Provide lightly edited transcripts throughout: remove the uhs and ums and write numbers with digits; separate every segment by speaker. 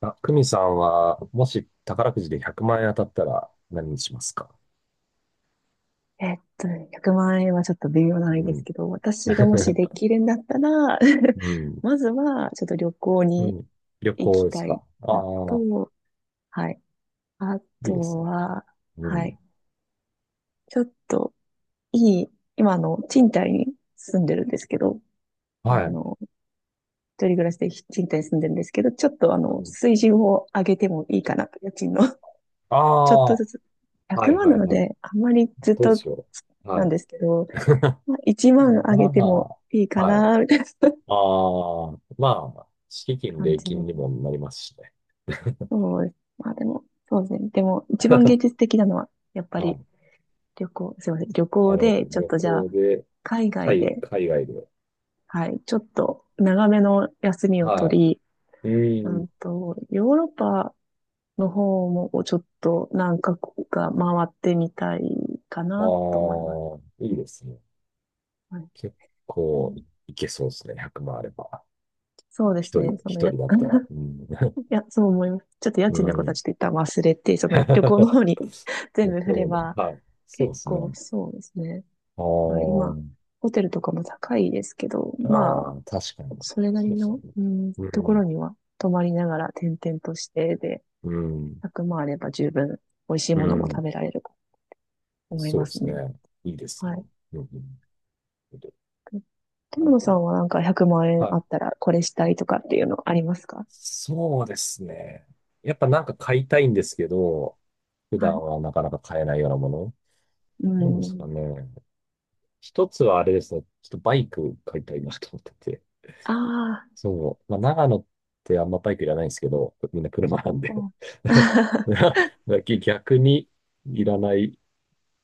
Speaker 1: あ、久美さんは、もし宝くじで100万円当たったら何にしますか？
Speaker 2: 100万円はちょっと微妙なん
Speaker 1: う
Speaker 2: です
Speaker 1: ん。
Speaker 2: けど、私がもしで きるんだったら、
Speaker 1: う ん。
Speaker 2: まずはちょっと旅行
Speaker 1: う
Speaker 2: に
Speaker 1: ん。旅
Speaker 2: 行
Speaker 1: 行
Speaker 2: き
Speaker 1: です
Speaker 2: た
Speaker 1: か？
Speaker 2: い
Speaker 1: あ
Speaker 2: の
Speaker 1: あ、
Speaker 2: と、はい。あ
Speaker 1: いいです
Speaker 2: と
Speaker 1: ね。
Speaker 2: は、
Speaker 1: う
Speaker 2: は
Speaker 1: ん。
Speaker 2: い。ちょっといい、今賃貸に住んでるんですけど、
Speaker 1: は
Speaker 2: あ
Speaker 1: い。
Speaker 2: の、一人暮らしで賃貸に住んでるんですけど、ちょっと
Speaker 1: うん。
Speaker 2: 水準を上げてもいいかなと、家賃の。
Speaker 1: あ
Speaker 2: ちょっ
Speaker 1: あ、
Speaker 2: と
Speaker 1: は
Speaker 2: ずつ。100
Speaker 1: い
Speaker 2: 万
Speaker 1: は
Speaker 2: な
Speaker 1: い
Speaker 2: の
Speaker 1: はい。
Speaker 2: で、あんまりずっ
Speaker 1: どう
Speaker 2: と
Speaker 1: しよう。は
Speaker 2: なん
Speaker 1: い。
Speaker 2: ですけど、まあ、1万
Speaker 1: ま
Speaker 2: 上げてもいい
Speaker 1: あ、
Speaker 2: か
Speaker 1: はい。
Speaker 2: な、みたいな
Speaker 1: ああ、まあ、敷金、
Speaker 2: 感
Speaker 1: 礼
Speaker 2: じで
Speaker 1: 金
Speaker 2: す。
Speaker 1: にもなりますしね。
Speaker 2: そうです。まあでも、そうですね。でも、一番芸術的なのは、やっぱ
Speaker 1: は
Speaker 2: り
Speaker 1: い。
Speaker 2: 旅行、すいません。旅
Speaker 1: な
Speaker 2: 行
Speaker 1: るほ
Speaker 2: で、
Speaker 1: ど。
Speaker 2: ちょっ
Speaker 1: 旅
Speaker 2: とじゃ
Speaker 1: 行
Speaker 2: あ、
Speaker 1: で、
Speaker 2: 海外で、
Speaker 1: 海外で。
Speaker 2: はい、ちょっと長めの休みを
Speaker 1: は
Speaker 2: 取り、
Speaker 1: い。うん。
Speaker 2: ヨーロッパの方もちょっと何カ国か回ってみたいか
Speaker 1: あ
Speaker 2: なと思います。
Speaker 1: あ、いいですね。
Speaker 2: はい、
Speaker 1: 結
Speaker 2: う
Speaker 1: 構
Speaker 2: ん、
Speaker 1: いけそうですね。100万あれば。
Speaker 2: そうです
Speaker 1: 一人、
Speaker 2: ね。その
Speaker 1: 一
Speaker 2: や、
Speaker 1: 人だったら。うん。
Speaker 2: いや、そう思います。ちょっと 家
Speaker 1: う
Speaker 2: 賃のことはち
Speaker 1: ん。
Speaker 2: ょっと一旦忘れて、その旅行の 方に 全
Speaker 1: 向
Speaker 2: 部振
Speaker 1: こ
Speaker 2: れ
Speaker 1: うの、
Speaker 2: ば、
Speaker 1: はい。そうで
Speaker 2: 結
Speaker 1: す
Speaker 2: 構
Speaker 1: ね。
Speaker 2: そうですね。
Speaker 1: あ
Speaker 2: まあ、今、
Speaker 1: ー
Speaker 2: ホテルとかも高いですけど、ま
Speaker 1: あ
Speaker 2: あ、
Speaker 1: ー、確かに。
Speaker 2: それな
Speaker 1: そう
Speaker 2: り
Speaker 1: です
Speaker 2: の、
Speaker 1: ね。う
Speaker 2: とこ
Speaker 1: ん、
Speaker 2: ろには泊まりながら転々としてで、
Speaker 1: うん、
Speaker 2: 100万あれば十分美味しい
Speaker 1: う
Speaker 2: ものも食
Speaker 1: ん。
Speaker 2: べられると思い
Speaker 1: そう
Speaker 2: ま
Speaker 1: で
Speaker 2: す
Speaker 1: すね。
Speaker 2: ね。
Speaker 1: いいです
Speaker 2: は
Speaker 1: ね。
Speaker 2: い。
Speaker 1: うん、うん。な
Speaker 2: 友
Speaker 1: ん
Speaker 2: 野
Speaker 1: か、
Speaker 2: さんはなんか100万円
Speaker 1: は
Speaker 2: あ
Speaker 1: い。
Speaker 2: ったらこれしたいとかっていうのありますか？
Speaker 1: そうですね。やっぱなんか買いたいんですけど、普
Speaker 2: は
Speaker 1: 段
Speaker 2: い。
Speaker 1: はなかなか買えないようなもの。
Speaker 2: う
Speaker 1: どうですか
Speaker 2: ん。
Speaker 1: ね。一つはあれですね。ちょっとバイク買いたいなと思ってて。
Speaker 2: ああ、
Speaker 1: そう。まあ、長野ってあんまバイクいらないんですけど、みんな車なんで。
Speaker 2: そう。
Speaker 1: だ逆にいらない、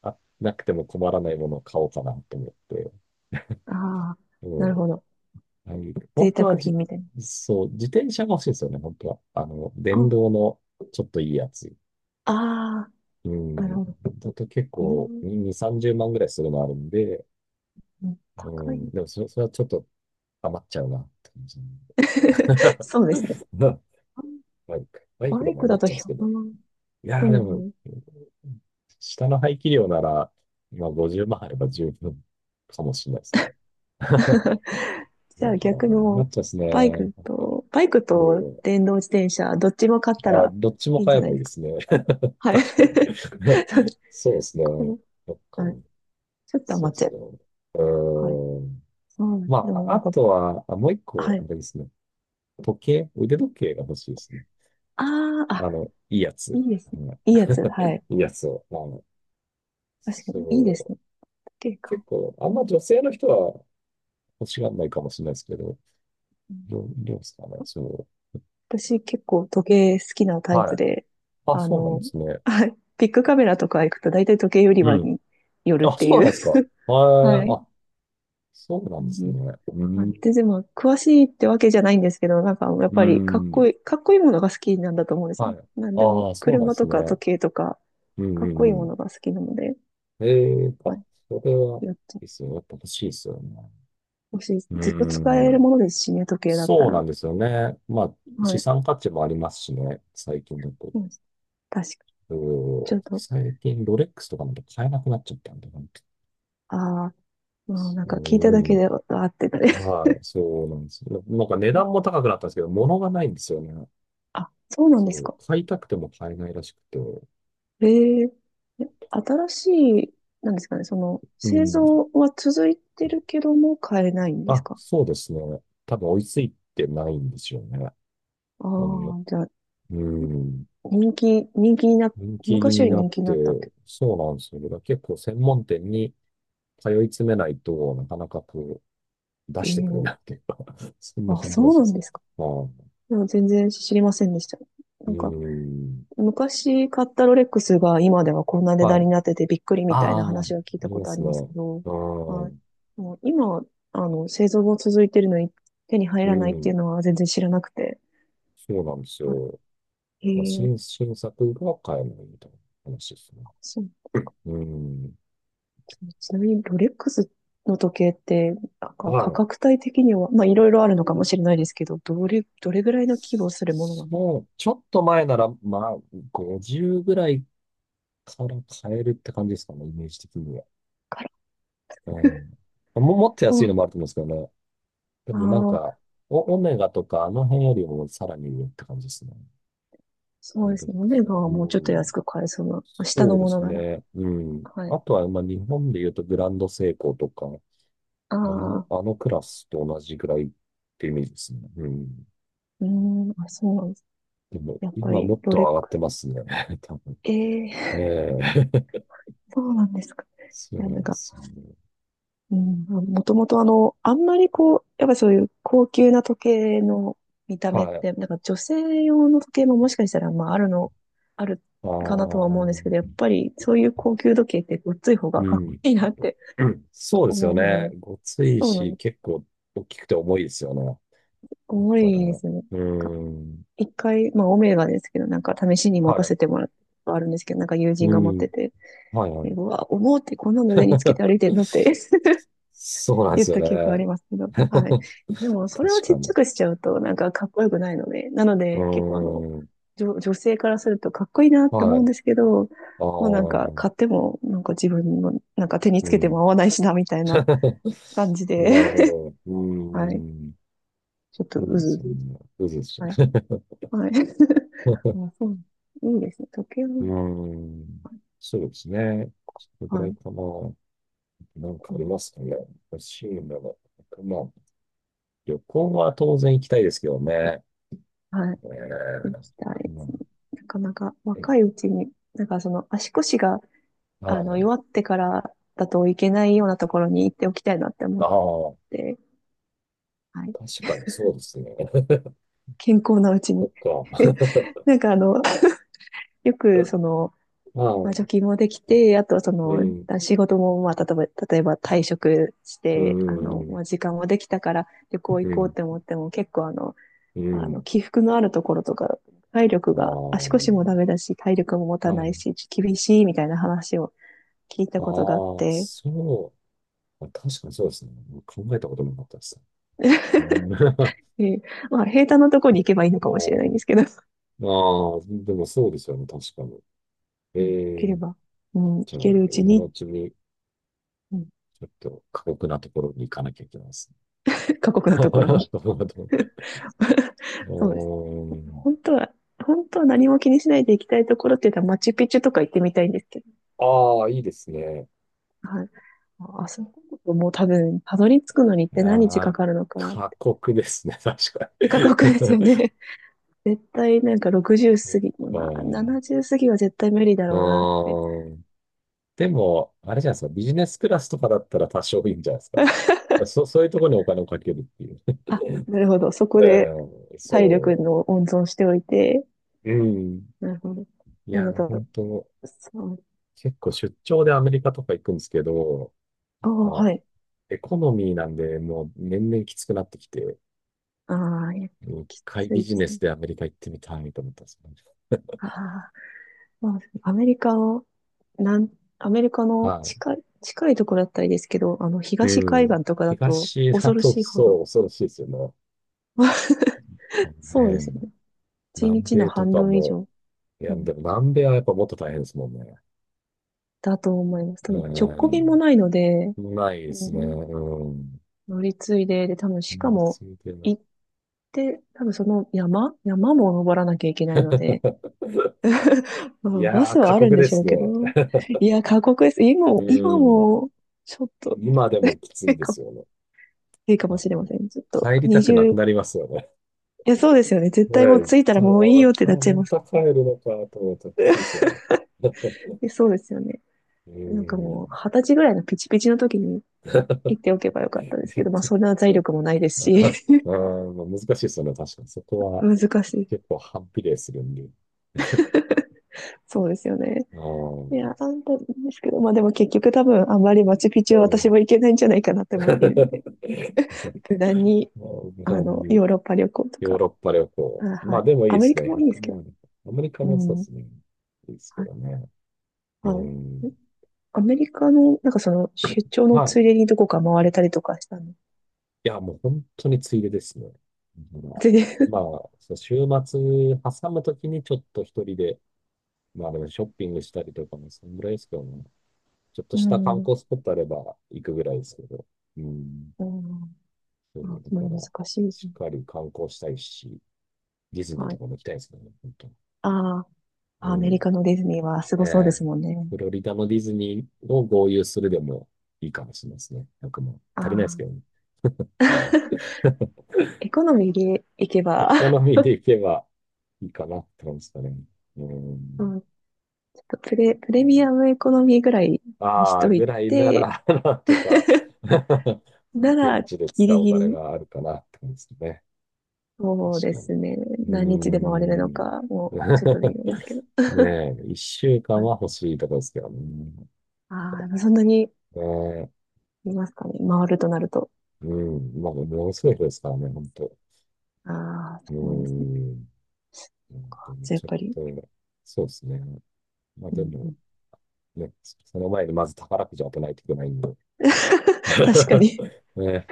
Speaker 1: あ、なくても困らないものを買おうかなと思って。
Speaker 2: ああ、
Speaker 1: う
Speaker 2: な
Speaker 1: ん。
Speaker 2: るほど。
Speaker 1: はい、
Speaker 2: 贅
Speaker 1: 本当
Speaker 2: 沢
Speaker 1: は
Speaker 2: 品みたいな。
Speaker 1: そう、自転車が欲しいんですよね、本当は。あの、電
Speaker 2: あ、
Speaker 1: 動のちょっといいやつ。
Speaker 2: あ
Speaker 1: うん。
Speaker 2: ー、なるほど。
Speaker 1: だと結
Speaker 2: え
Speaker 1: 構
Speaker 2: ー
Speaker 1: 2、30万ぐらいするのあるんで、
Speaker 2: うん、
Speaker 1: う
Speaker 2: 高
Speaker 1: ん。
Speaker 2: い。
Speaker 1: でもそれはちょっと余っちゃうなって感じ。
Speaker 2: そうですね。
Speaker 1: な、バイク。バイク
Speaker 2: バ
Speaker 1: で
Speaker 2: イ
Speaker 1: も
Speaker 2: ク
Speaker 1: 余
Speaker 2: だ
Speaker 1: っ
Speaker 2: と
Speaker 1: ちゃうんで
Speaker 2: ひゃ
Speaker 1: すけ
Speaker 2: 0
Speaker 1: ど。
Speaker 2: ま万。
Speaker 1: いや
Speaker 2: そ
Speaker 1: ーで
Speaker 2: う
Speaker 1: も、
Speaker 2: ね。
Speaker 1: 下の排気量なら、まあ50万あれば十分かもしれないですね。だ
Speaker 2: じゃあ
Speaker 1: から
Speaker 2: 逆にも
Speaker 1: 余
Speaker 2: う、
Speaker 1: っちゃうんです
Speaker 2: バイ
Speaker 1: ね。
Speaker 2: クと、バイクと
Speaker 1: も
Speaker 2: 電動自転車、どっちも買った
Speaker 1: う、あ、
Speaker 2: ら
Speaker 1: どっちも
Speaker 2: いいんじ
Speaker 1: 買え
Speaker 2: ゃな
Speaker 1: ば
Speaker 2: い
Speaker 1: いい
Speaker 2: です
Speaker 1: で
Speaker 2: か。
Speaker 1: すね。
Speaker 2: はい。
Speaker 1: 確か
Speaker 2: そう
Speaker 1: に。
Speaker 2: です。
Speaker 1: そうです
Speaker 2: こ
Speaker 1: ね。そっか。
Speaker 2: はい。ちょっと
Speaker 1: そう
Speaker 2: 余
Speaker 1: で
Speaker 2: っちゃ
Speaker 1: す
Speaker 2: い
Speaker 1: ね。
Speaker 2: ます。
Speaker 1: う
Speaker 2: はい。
Speaker 1: ーん。
Speaker 2: そうなんで
Speaker 1: ま
Speaker 2: す。でも
Speaker 1: あ、
Speaker 2: な
Speaker 1: あ
Speaker 2: んか、
Speaker 1: とは、あ、もう一
Speaker 2: は
Speaker 1: 個、あ
Speaker 2: い。
Speaker 1: れですね。時計、腕時計が欲しいですね。
Speaker 2: ああ、あ、
Speaker 1: あの、いいやつ。
Speaker 2: いいです
Speaker 1: う
Speaker 2: ね。
Speaker 1: ん、
Speaker 2: いいやつ。はい。
Speaker 1: いいやつを。まあの、
Speaker 2: 確か
Speaker 1: そ
Speaker 2: に、いいです
Speaker 1: う
Speaker 2: ね。時計か。
Speaker 1: 結構、あんま女性の人は欲しがらないかもしれないですけど、
Speaker 2: うん、
Speaker 1: どうですかね、そう。
Speaker 2: 私結構時計好きなタイ
Speaker 1: は
Speaker 2: プ
Speaker 1: い。
Speaker 2: で、
Speaker 1: あ、
Speaker 2: あ
Speaker 1: そうなん
Speaker 2: の、
Speaker 1: ですね。
Speaker 2: はい、ビッグカメラとか行くと大体時計売り
Speaker 1: う
Speaker 2: 場
Speaker 1: ん。
Speaker 2: に寄るっ
Speaker 1: あ、
Speaker 2: てい
Speaker 1: そうな
Speaker 2: う。
Speaker 1: んですか。はい。
Speaker 2: はい。
Speaker 1: あ、そうな
Speaker 2: う
Speaker 1: んです
Speaker 2: ん、
Speaker 1: ね。う
Speaker 2: あ
Speaker 1: ん。
Speaker 2: で、でも、詳しいってわけじゃないんですけど、なんか、やっ
Speaker 1: う
Speaker 2: ぱり、かっこ
Speaker 1: ん。
Speaker 2: いい、かっこいいものが好きなんだと思うんですよ
Speaker 1: は
Speaker 2: ね。
Speaker 1: い。
Speaker 2: なんでも、
Speaker 1: ああ、そうなんで
Speaker 2: 車
Speaker 1: す
Speaker 2: とか
Speaker 1: ね。
Speaker 2: 時計とか、
Speaker 1: うんう
Speaker 2: かっ
Speaker 1: ん
Speaker 2: こ
Speaker 1: う
Speaker 2: いいも
Speaker 1: ん。
Speaker 2: のが好きなので、
Speaker 1: ええ、
Speaker 2: は
Speaker 1: あ、
Speaker 2: い。
Speaker 1: それは、
Speaker 2: やっと、
Speaker 1: いいっすよ。やっぱ欲しいですよね。
Speaker 2: もしい、ずっと使え
Speaker 1: う
Speaker 2: る
Speaker 1: ん。
Speaker 2: ものですしね、時計だった
Speaker 1: そうな
Speaker 2: ら。
Speaker 1: んですよね。まあ、
Speaker 2: は
Speaker 1: 資
Speaker 2: い。
Speaker 1: 産価値もありますしね、最近だと。
Speaker 2: うん、確か、
Speaker 1: う
Speaker 2: ちょ
Speaker 1: ん、
Speaker 2: っと、
Speaker 1: 最近、ロレックスとかなんて買えなくなっちゃったんで、
Speaker 2: ああ、もうなん
Speaker 1: う
Speaker 2: か聞いただけ
Speaker 1: ん、
Speaker 2: で、あーってなる。
Speaker 1: まあ、そうなんですよ。なんか値段も 高くなったんですけど、物がないんですよね。
Speaker 2: あ、そうなん
Speaker 1: そ
Speaker 2: で
Speaker 1: れ
Speaker 2: す
Speaker 1: を
Speaker 2: か。
Speaker 1: 買いたくても買えないらしくて。
Speaker 2: ええ。え新しい、なんですかね、その、
Speaker 1: う
Speaker 2: 製
Speaker 1: ん。
Speaker 2: 造は続いてるけども買えないんです
Speaker 1: あ、
Speaker 2: か？
Speaker 1: そうですね。多分追いついてないんですよね。
Speaker 2: ああ
Speaker 1: うん。
Speaker 2: ー、じゃあ、
Speaker 1: うん。
Speaker 2: 人気、人気にな、
Speaker 1: 人気
Speaker 2: 昔よ
Speaker 1: に
Speaker 2: り
Speaker 1: なっ
Speaker 2: 人気に
Speaker 1: て、
Speaker 2: なったって。
Speaker 1: そうなんですよね。だから結構専門店に通い詰めないとなかなかこう出
Speaker 2: え
Speaker 1: してくれ
Speaker 2: え。
Speaker 1: ないっていうか そんな
Speaker 2: あ、
Speaker 1: 感じ
Speaker 2: そ
Speaker 1: らしい
Speaker 2: う
Speaker 1: で
Speaker 2: なん
Speaker 1: す
Speaker 2: で
Speaker 1: ね。
Speaker 2: すか。
Speaker 1: は
Speaker 2: いや、全然知りませんでした。
Speaker 1: い。う
Speaker 2: なんか、
Speaker 1: ん。
Speaker 2: 昔買ったロレックスが今ではこんな値
Speaker 1: は
Speaker 2: 段に
Speaker 1: い。
Speaker 2: なっててびっくりみたいな
Speaker 1: ああ、あ
Speaker 2: 話は聞いた
Speaker 1: り
Speaker 2: こ
Speaker 1: ま
Speaker 2: とあ
Speaker 1: す
Speaker 2: り
Speaker 1: ね。
Speaker 2: ますけど、
Speaker 1: う
Speaker 2: はい。
Speaker 1: ん。
Speaker 2: もう今、製造も続いてるのに手に入
Speaker 1: う
Speaker 2: らないってい
Speaker 1: ん。
Speaker 2: うのは全然知らなくて。
Speaker 1: そうなんですよ。
Speaker 2: え
Speaker 1: まあ、
Speaker 2: ー、
Speaker 1: 新作が買えないみたいな話ですね。
Speaker 2: そう
Speaker 1: うん。
Speaker 2: そう、ちなみにロレックスの時計って、なんか価
Speaker 1: は
Speaker 2: 格
Speaker 1: い。
Speaker 2: 帯的には、まあいろいろあるのかもしれないですけど、どれぐらいの規模をするものなの
Speaker 1: そう、ちょっと前なら、まあ、50ぐらいから買えるって感じですかね、イメージ的には。
Speaker 2: か
Speaker 1: う
Speaker 2: な。
Speaker 1: ん。もっと安
Speaker 2: う
Speaker 1: いの
Speaker 2: ん、
Speaker 1: もあると思うんですけどね。で
Speaker 2: あ
Speaker 1: もなんか、
Speaker 2: あ、
Speaker 1: オメガとかあの辺よりもさらに上って感じですね。
Speaker 2: そ
Speaker 1: ロ
Speaker 2: う
Speaker 1: レ
Speaker 2: で
Speaker 1: ッ
Speaker 2: すね。オ
Speaker 1: クス
Speaker 2: メ
Speaker 1: は、
Speaker 2: ガは
Speaker 1: う
Speaker 2: もうちょっと安
Speaker 1: ん。
Speaker 2: く買えそうな。下
Speaker 1: そ
Speaker 2: の
Speaker 1: うで
Speaker 2: もの
Speaker 1: す
Speaker 2: なら。
Speaker 1: ね。うん。
Speaker 2: はい。
Speaker 1: あとは、まあ、日本で言うとグランドセイコーとか、
Speaker 2: ああ、
Speaker 1: あのクラスと同じぐらいってイメージですね。うん。
Speaker 2: うーん、あ、そうなんです。
Speaker 1: でも、
Speaker 2: やっぱ
Speaker 1: 今
Speaker 2: り
Speaker 1: もっ
Speaker 2: ロ
Speaker 1: と
Speaker 2: レッ
Speaker 1: 上がっ
Speaker 2: ク
Speaker 1: てますね。多分。
Speaker 2: ス。ええ。
Speaker 1: ええ。
Speaker 2: そうなんですか。
Speaker 1: そ
Speaker 2: い
Speaker 1: う
Speaker 2: や、
Speaker 1: な
Speaker 2: なん
Speaker 1: んで
Speaker 2: か、
Speaker 1: すよね。
Speaker 2: うん、もともとあんまりこう、やっぱりそういう高級な時計の見た目っ
Speaker 1: はい。
Speaker 2: て、なんか女性用の時計ももしかしたら、まああるの、ある
Speaker 1: あ
Speaker 2: かなとは
Speaker 1: あ、
Speaker 2: 思うんですけど、やっぱりそういう高級時計ってごっつい方が
Speaker 1: う
Speaker 2: かっこ
Speaker 1: ん。
Speaker 2: いいなって
Speaker 1: うん、そうですよ
Speaker 2: 思うの
Speaker 1: ね。
Speaker 2: で、
Speaker 1: ごつい
Speaker 2: そうなん
Speaker 1: し、
Speaker 2: です。
Speaker 1: 結構大きくて重いですよね。
Speaker 2: 重
Speaker 1: まだか
Speaker 2: い
Speaker 1: ら、
Speaker 2: で
Speaker 1: う
Speaker 2: すよね。なんか
Speaker 1: ーん。
Speaker 2: 一回、まあオメガですけど、なんか試しに持
Speaker 1: は
Speaker 2: た
Speaker 1: い。
Speaker 2: せてもらったことあるんですけど、なんか友人
Speaker 1: う
Speaker 2: が持っ
Speaker 1: ん。
Speaker 2: てて、
Speaker 1: はい、は
Speaker 2: で
Speaker 1: い。
Speaker 2: うわ、重ってこんなの腕につけて歩い てるのって
Speaker 1: そうなんで
Speaker 2: 言っ
Speaker 1: すよ
Speaker 2: た記憶あ
Speaker 1: ね。
Speaker 2: りますけど。はい。でも、それを
Speaker 1: 確
Speaker 2: ちっ
Speaker 1: か
Speaker 2: ちゃ
Speaker 1: に。
Speaker 2: くしちゃうと、なんかかっこよくないので、なの
Speaker 1: う
Speaker 2: で、結構あの、
Speaker 1: ーん。
Speaker 2: 女、女性からするとかっこいいなって
Speaker 1: は
Speaker 2: 思
Speaker 1: い。
Speaker 2: うんですけど、
Speaker 1: ああ、
Speaker 2: もうなんか買っても、なんか自分の、なんか手につ
Speaker 1: う
Speaker 2: けて
Speaker 1: ん。
Speaker 2: も合わないしな、みたいな 感じで、
Speaker 1: なるほど。うー
Speaker 2: はい。
Speaker 1: ん。
Speaker 2: ちょっと
Speaker 1: そう
Speaker 2: う
Speaker 1: で
Speaker 2: ずう
Speaker 1: すよ
Speaker 2: ず。
Speaker 1: ね。うずうずしち
Speaker 2: はい。
Speaker 1: ゃ
Speaker 2: はい。
Speaker 1: う。
Speaker 2: あ、そう。いいですね。時計
Speaker 1: うー
Speaker 2: も、
Speaker 1: ん。そうですね。それぐら
Speaker 2: は
Speaker 1: い
Speaker 2: い。
Speaker 1: かな。なんか
Speaker 2: う
Speaker 1: あり
Speaker 2: ん、
Speaker 1: ますかね。欲しいもの。まあ、旅行は当然行きたいですけどね。
Speaker 2: はい。
Speaker 1: え
Speaker 2: 行
Speaker 1: ー
Speaker 2: きたいで
Speaker 1: う
Speaker 2: すね。
Speaker 1: ん、
Speaker 2: なかなか
Speaker 1: はい。
Speaker 2: 若いうちに、なんかその足腰が
Speaker 1: あ
Speaker 2: 弱ってからだといけないようなところに行っておきたいなって思っ
Speaker 1: あ、
Speaker 2: て、はい。
Speaker 1: 確かにそうですね。
Speaker 2: 健康なうち
Speaker 1: そっ
Speaker 2: に。
Speaker 1: か。
Speaker 2: なんかよく
Speaker 1: あ
Speaker 2: まあ、貯
Speaker 1: あ、
Speaker 2: 金もできて、あとは
Speaker 1: うん、
Speaker 2: 仕事も、まあ、例えば退職し
Speaker 1: う
Speaker 2: て、
Speaker 1: ん、うん、
Speaker 2: まあ、時間もできたから旅行
Speaker 1: う
Speaker 2: 行こうっ
Speaker 1: ん。
Speaker 2: て思っても、結構起伏のあるところとか、体力が、足
Speaker 1: あ
Speaker 2: 腰もダメだし、体力も持
Speaker 1: あ、
Speaker 2: た
Speaker 1: は
Speaker 2: ない
Speaker 1: い。
Speaker 2: し、厳しいみたいな話を聞いた
Speaker 1: あ
Speaker 2: ことがあっ
Speaker 1: あ、
Speaker 2: て、
Speaker 1: そう、確かにそうですね。考えたこともなかったです。うん。 ま
Speaker 2: でまあ、平坦なところに行けばいいのかもしれないん
Speaker 1: あ、
Speaker 2: ですけど、
Speaker 1: まあ、でもそうですよね、確かに。
Speaker 2: うん、で
Speaker 1: え
Speaker 2: きれ
Speaker 1: え、
Speaker 2: ば、うん、行
Speaker 1: じゃあ、
Speaker 2: けるうち
Speaker 1: 今の
Speaker 2: に、
Speaker 1: うちに、
Speaker 2: うん、
Speaker 1: ちょっと過酷なところに行かなきゃいけないですね。
Speaker 2: 過酷 なところ
Speaker 1: な
Speaker 2: に
Speaker 1: るほど。う
Speaker 2: そうです。
Speaker 1: ーん。
Speaker 2: 本当は、本当は何も気にしないで行きたいところって言ったらマチュピチュとか行ってみたいんですけど、
Speaker 1: ああ、いいですね。
Speaker 2: はい。ああ、そこもう多分、たどり着くのにっ
Speaker 1: い
Speaker 2: て
Speaker 1: や
Speaker 2: 何日か
Speaker 1: ー、
Speaker 2: かるのか、
Speaker 1: 過酷ですね、確か
Speaker 2: 過酷ですよ
Speaker 1: に。
Speaker 2: ね。絶対なんか 60
Speaker 1: そ
Speaker 2: 過ぎ、まあ
Speaker 1: っか。
Speaker 2: 70過ぎは絶対無理だ
Speaker 1: う
Speaker 2: ろうなって。
Speaker 1: ーん。でも、あれじゃないですか、ビジネスクラスとかだったら多少いいんじゃないですかね。そういうところにお金をかけるっていう。
Speaker 2: あ、なるほど。そこ
Speaker 1: う
Speaker 2: で
Speaker 1: ん、
Speaker 2: 体力
Speaker 1: そ
Speaker 2: の温存しておいて、
Speaker 1: う。うん。
Speaker 2: なるほど。
Speaker 1: い
Speaker 2: あ
Speaker 1: や、
Speaker 2: なた、
Speaker 1: 本当
Speaker 2: そう、
Speaker 1: 結構出張でアメリカとか行くんですけど、
Speaker 2: ああ、
Speaker 1: まあ、
Speaker 2: はい。
Speaker 1: エコノミーなんで、もう年々きつくなってきて、
Speaker 2: ああ、いや、
Speaker 1: 一
Speaker 2: き
Speaker 1: 回
Speaker 2: つ
Speaker 1: ビ
Speaker 2: い
Speaker 1: ジ
Speaker 2: です
Speaker 1: ネス
Speaker 2: ね。
Speaker 1: でアメリカ行ってみたいと思ったんですよね。
Speaker 2: ああ、まあ、なん、アメリカの
Speaker 1: は
Speaker 2: 近いところだったらいいですけど、
Speaker 1: い。
Speaker 2: 東
Speaker 1: う
Speaker 2: 海
Speaker 1: ん。
Speaker 2: 岸とかだと
Speaker 1: 東だ
Speaker 2: 恐ろ
Speaker 1: と、
Speaker 2: しいほ
Speaker 1: そ
Speaker 2: ど。
Speaker 1: う、恐ろしいですよね。そう
Speaker 2: そうですよ
Speaker 1: ね。
Speaker 2: ね。一
Speaker 1: 南
Speaker 2: 日の
Speaker 1: 米と
Speaker 2: 半
Speaker 1: か
Speaker 2: 分以
Speaker 1: も、
Speaker 2: 上、
Speaker 1: い
Speaker 2: う
Speaker 1: や、で
Speaker 2: ん、
Speaker 1: も南米はやっぱもっと大変ですもんね。
Speaker 2: だと思います。多分、直
Speaker 1: う
Speaker 2: 行便も
Speaker 1: ん。
Speaker 2: ないので、
Speaker 1: ないで
Speaker 2: う
Speaker 1: すね。
Speaker 2: ん、
Speaker 1: うん。
Speaker 2: 乗り継いで、で、多分、
Speaker 1: う
Speaker 2: しか
Speaker 1: ん、
Speaker 2: も、
Speaker 1: そうだよね。
Speaker 2: 行って、多分その山も登らなきゃいけないので、ま
Speaker 1: い
Speaker 2: あ、バ
Speaker 1: やー、
Speaker 2: ス
Speaker 1: 過
Speaker 2: はあるん
Speaker 1: 酷
Speaker 2: で
Speaker 1: で
Speaker 2: しょう
Speaker 1: す
Speaker 2: けど、
Speaker 1: ね。
Speaker 2: いや、過酷です。今
Speaker 1: う
Speaker 2: も、今
Speaker 1: ん。
Speaker 2: も、ちょっと
Speaker 1: 今でもきつ
Speaker 2: い
Speaker 1: い
Speaker 2: い
Speaker 1: で
Speaker 2: か
Speaker 1: す
Speaker 2: も
Speaker 1: よね。
Speaker 2: いいかも
Speaker 1: あ
Speaker 2: しれませ
Speaker 1: の、
Speaker 2: ん。ちょっと、
Speaker 1: 帰りたくな
Speaker 2: 20、
Speaker 1: く
Speaker 2: い
Speaker 1: なりますよね。
Speaker 2: や、そうですよね。絶
Speaker 1: ね
Speaker 2: 対もう
Speaker 1: え、一
Speaker 2: 着いたら
Speaker 1: 旦、
Speaker 2: もういいよってなっちゃい
Speaker 1: ま
Speaker 2: ます。
Speaker 1: た帰るのかと思ったら きつ
Speaker 2: い
Speaker 1: いですよね。
Speaker 2: や、そうですよね。
Speaker 1: う
Speaker 2: なんかもう、
Speaker 1: ん。
Speaker 2: 20歳ぐらいのピチピチの時に行っておけばよかったですけど、まあ、そん な財力もないです
Speaker 1: あ
Speaker 2: し、
Speaker 1: あ、まあ難しいですよね。確かに。そこ は
Speaker 2: 難しい。
Speaker 1: 結構反比例するんで。
Speaker 2: そうですよね。
Speaker 1: あ
Speaker 2: い
Speaker 1: あ、
Speaker 2: や、あんたですけど、まあでも結局多分あんまりマチュピ
Speaker 1: う
Speaker 2: チュは私
Speaker 1: ん。
Speaker 2: も行けないんじゃないかなっ て
Speaker 1: ま
Speaker 2: 思っているので、
Speaker 1: あ、
Speaker 2: 無難に、
Speaker 1: 無難に
Speaker 2: ヨーロッパ旅行と
Speaker 1: ヨー
Speaker 2: か、
Speaker 1: ロッパ旅行。
Speaker 2: あ、
Speaker 1: ま
Speaker 2: は
Speaker 1: あ
Speaker 2: い。
Speaker 1: でもいい
Speaker 2: ア
Speaker 1: で
Speaker 2: メリ
Speaker 1: す
Speaker 2: カ
Speaker 1: ね。
Speaker 2: もいいで
Speaker 1: 1
Speaker 2: すけど、
Speaker 1: 万。アメリカ
Speaker 2: う
Speaker 1: もそうで
Speaker 2: ん。
Speaker 1: すね。いいですけ
Speaker 2: はい。
Speaker 1: どね。
Speaker 2: は
Speaker 1: う
Speaker 2: い。
Speaker 1: ん。
Speaker 2: アメリカの、なんか出張の
Speaker 1: まあ、
Speaker 2: ついでにどこか回れたりとかしたの。
Speaker 1: いや、もう本当についでですね。だから、
Speaker 2: で
Speaker 1: まあ、そう、週末挟むときにちょっと一人で、まあでもショッピングしたりとかもそんぐらいですけどね。ちょっ と
Speaker 2: う
Speaker 1: した観
Speaker 2: ん、う
Speaker 1: 光スポットあれば行くぐらいですけど。うん。
Speaker 2: ん、
Speaker 1: そ
Speaker 2: あ、
Speaker 1: う、だ
Speaker 2: まあ
Speaker 1: か
Speaker 2: 難
Speaker 1: ら、
Speaker 2: しいです
Speaker 1: し
Speaker 2: ね。
Speaker 1: っかり観光したいし、ディズニー
Speaker 2: は
Speaker 1: と
Speaker 2: い。
Speaker 1: かも行きたいですね、本当に。
Speaker 2: あ
Speaker 1: う
Speaker 2: あ、アメ
Speaker 1: ん。
Speaker 2: リカのディズニーはす
Speaker 1: ね
Speaker 2: ごそうで
Speaker 1: え、
Speaker 2: すもんね。
Speaker 1: フロリダのディズニーを合流するでもいいかもしれないですね。1くまん、
Speaker 2: あ
Speaker 1: 足りないですけ
Speaker 2: あ、
Speaker 1: どね、多分。
Speaker 2: エコノミーで行け
Speaker 1: エ
Speaker 2: ば、
Speaker 1: コノミーでいけばいいかなって感じですかね。う
Speaker 2: う
Speaker 1: ん。
Speaker 2: ん、ちょっとプレミアムエコノミーぐらいにし
Speaker 1: ああ、
Speaker 2: とい
Speaker 1: ぐらいな
Speaker 2: て、
Speaker 1: ら、なんとか
Speaker 2: な
Speaker 1: 現
Speaker 2: ら、
Speaker 1: 地で
Speaker 2: ギ
Speaker 1: 使
Speaker 2: リ
Speaker 1: うお
Speaker 2: ギ
Speaker 1: 金
Speaker 2: リ、
Speaker 1: があるかなって感じですね。
Speaker 2: そうで
Speaker 1: 確かに。
Speaker 2: すね。
Speaker 1: う
Speaker 2: 何日で
Speaker 1: ー
Speaker 2: 回れるの
Speaker 1: ん。
Speaker 2: か、もう、ちょっとできるん ですけど。
Speaker 1: ねえ、一週間
Speaker 2: はい、
Speaker 1: は欲しいとこですけどね。
Speaker 2: ああ、そんなに
Speaker 1: ねえ、
Speaker 2: いますかね。回るとなると。
Speaker 1: うん。まあ、ものすごい人ですからね、本当。
Speaker 2: ああ、
Speaker 1: うー
Speaker 2: そうですね。
Speaker 1: ん。本当
Speaker 2: か。
Speaker 1: に
Speaker 2: じゃあやっ
Speaker 1: ちょっ
Speaker 2: ぱり。
Speaker 1: と、そうですね。まあ
Speaker 2: う
Speaker 1: で
Speaker 2: んう
Speaker 1: も、
Speaker 2: ん、
Speaker 1: ね、その前にまず宝くじを当てないといけないんで。
Speaker 2: 確か に。
Speaker 1: ね。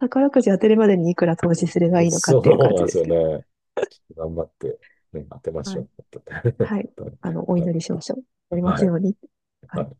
Speaker 2: 宝くじ当てるまでにいくら投資
Speaker 1: そ
Speaker 2: す
Speaker 1: う
Speaker 2: ればいいのかっていう感
Speaker 1: な
Speaker 2: じ
Speaker 1: んで
Speaker 2: で
Speaker 1: す
Speaker 2: す
Speaker 1: よ
Speaker 2: けど。
Speaker 1: ね。ちょっと頑張って、ね、当てまし
Speaker 2: は
Speaker 1: ょ
Speaker 2: い。
Speaker 1: う。
Speaker 2: は い。お
Speaker 1: はい。
Speaker 2: 祈りしましょう。やります
Speaker 1: はい。
Speaker 2: ように。は
Speaker 1: は
Speaker 2: い。
Speaker 1: い。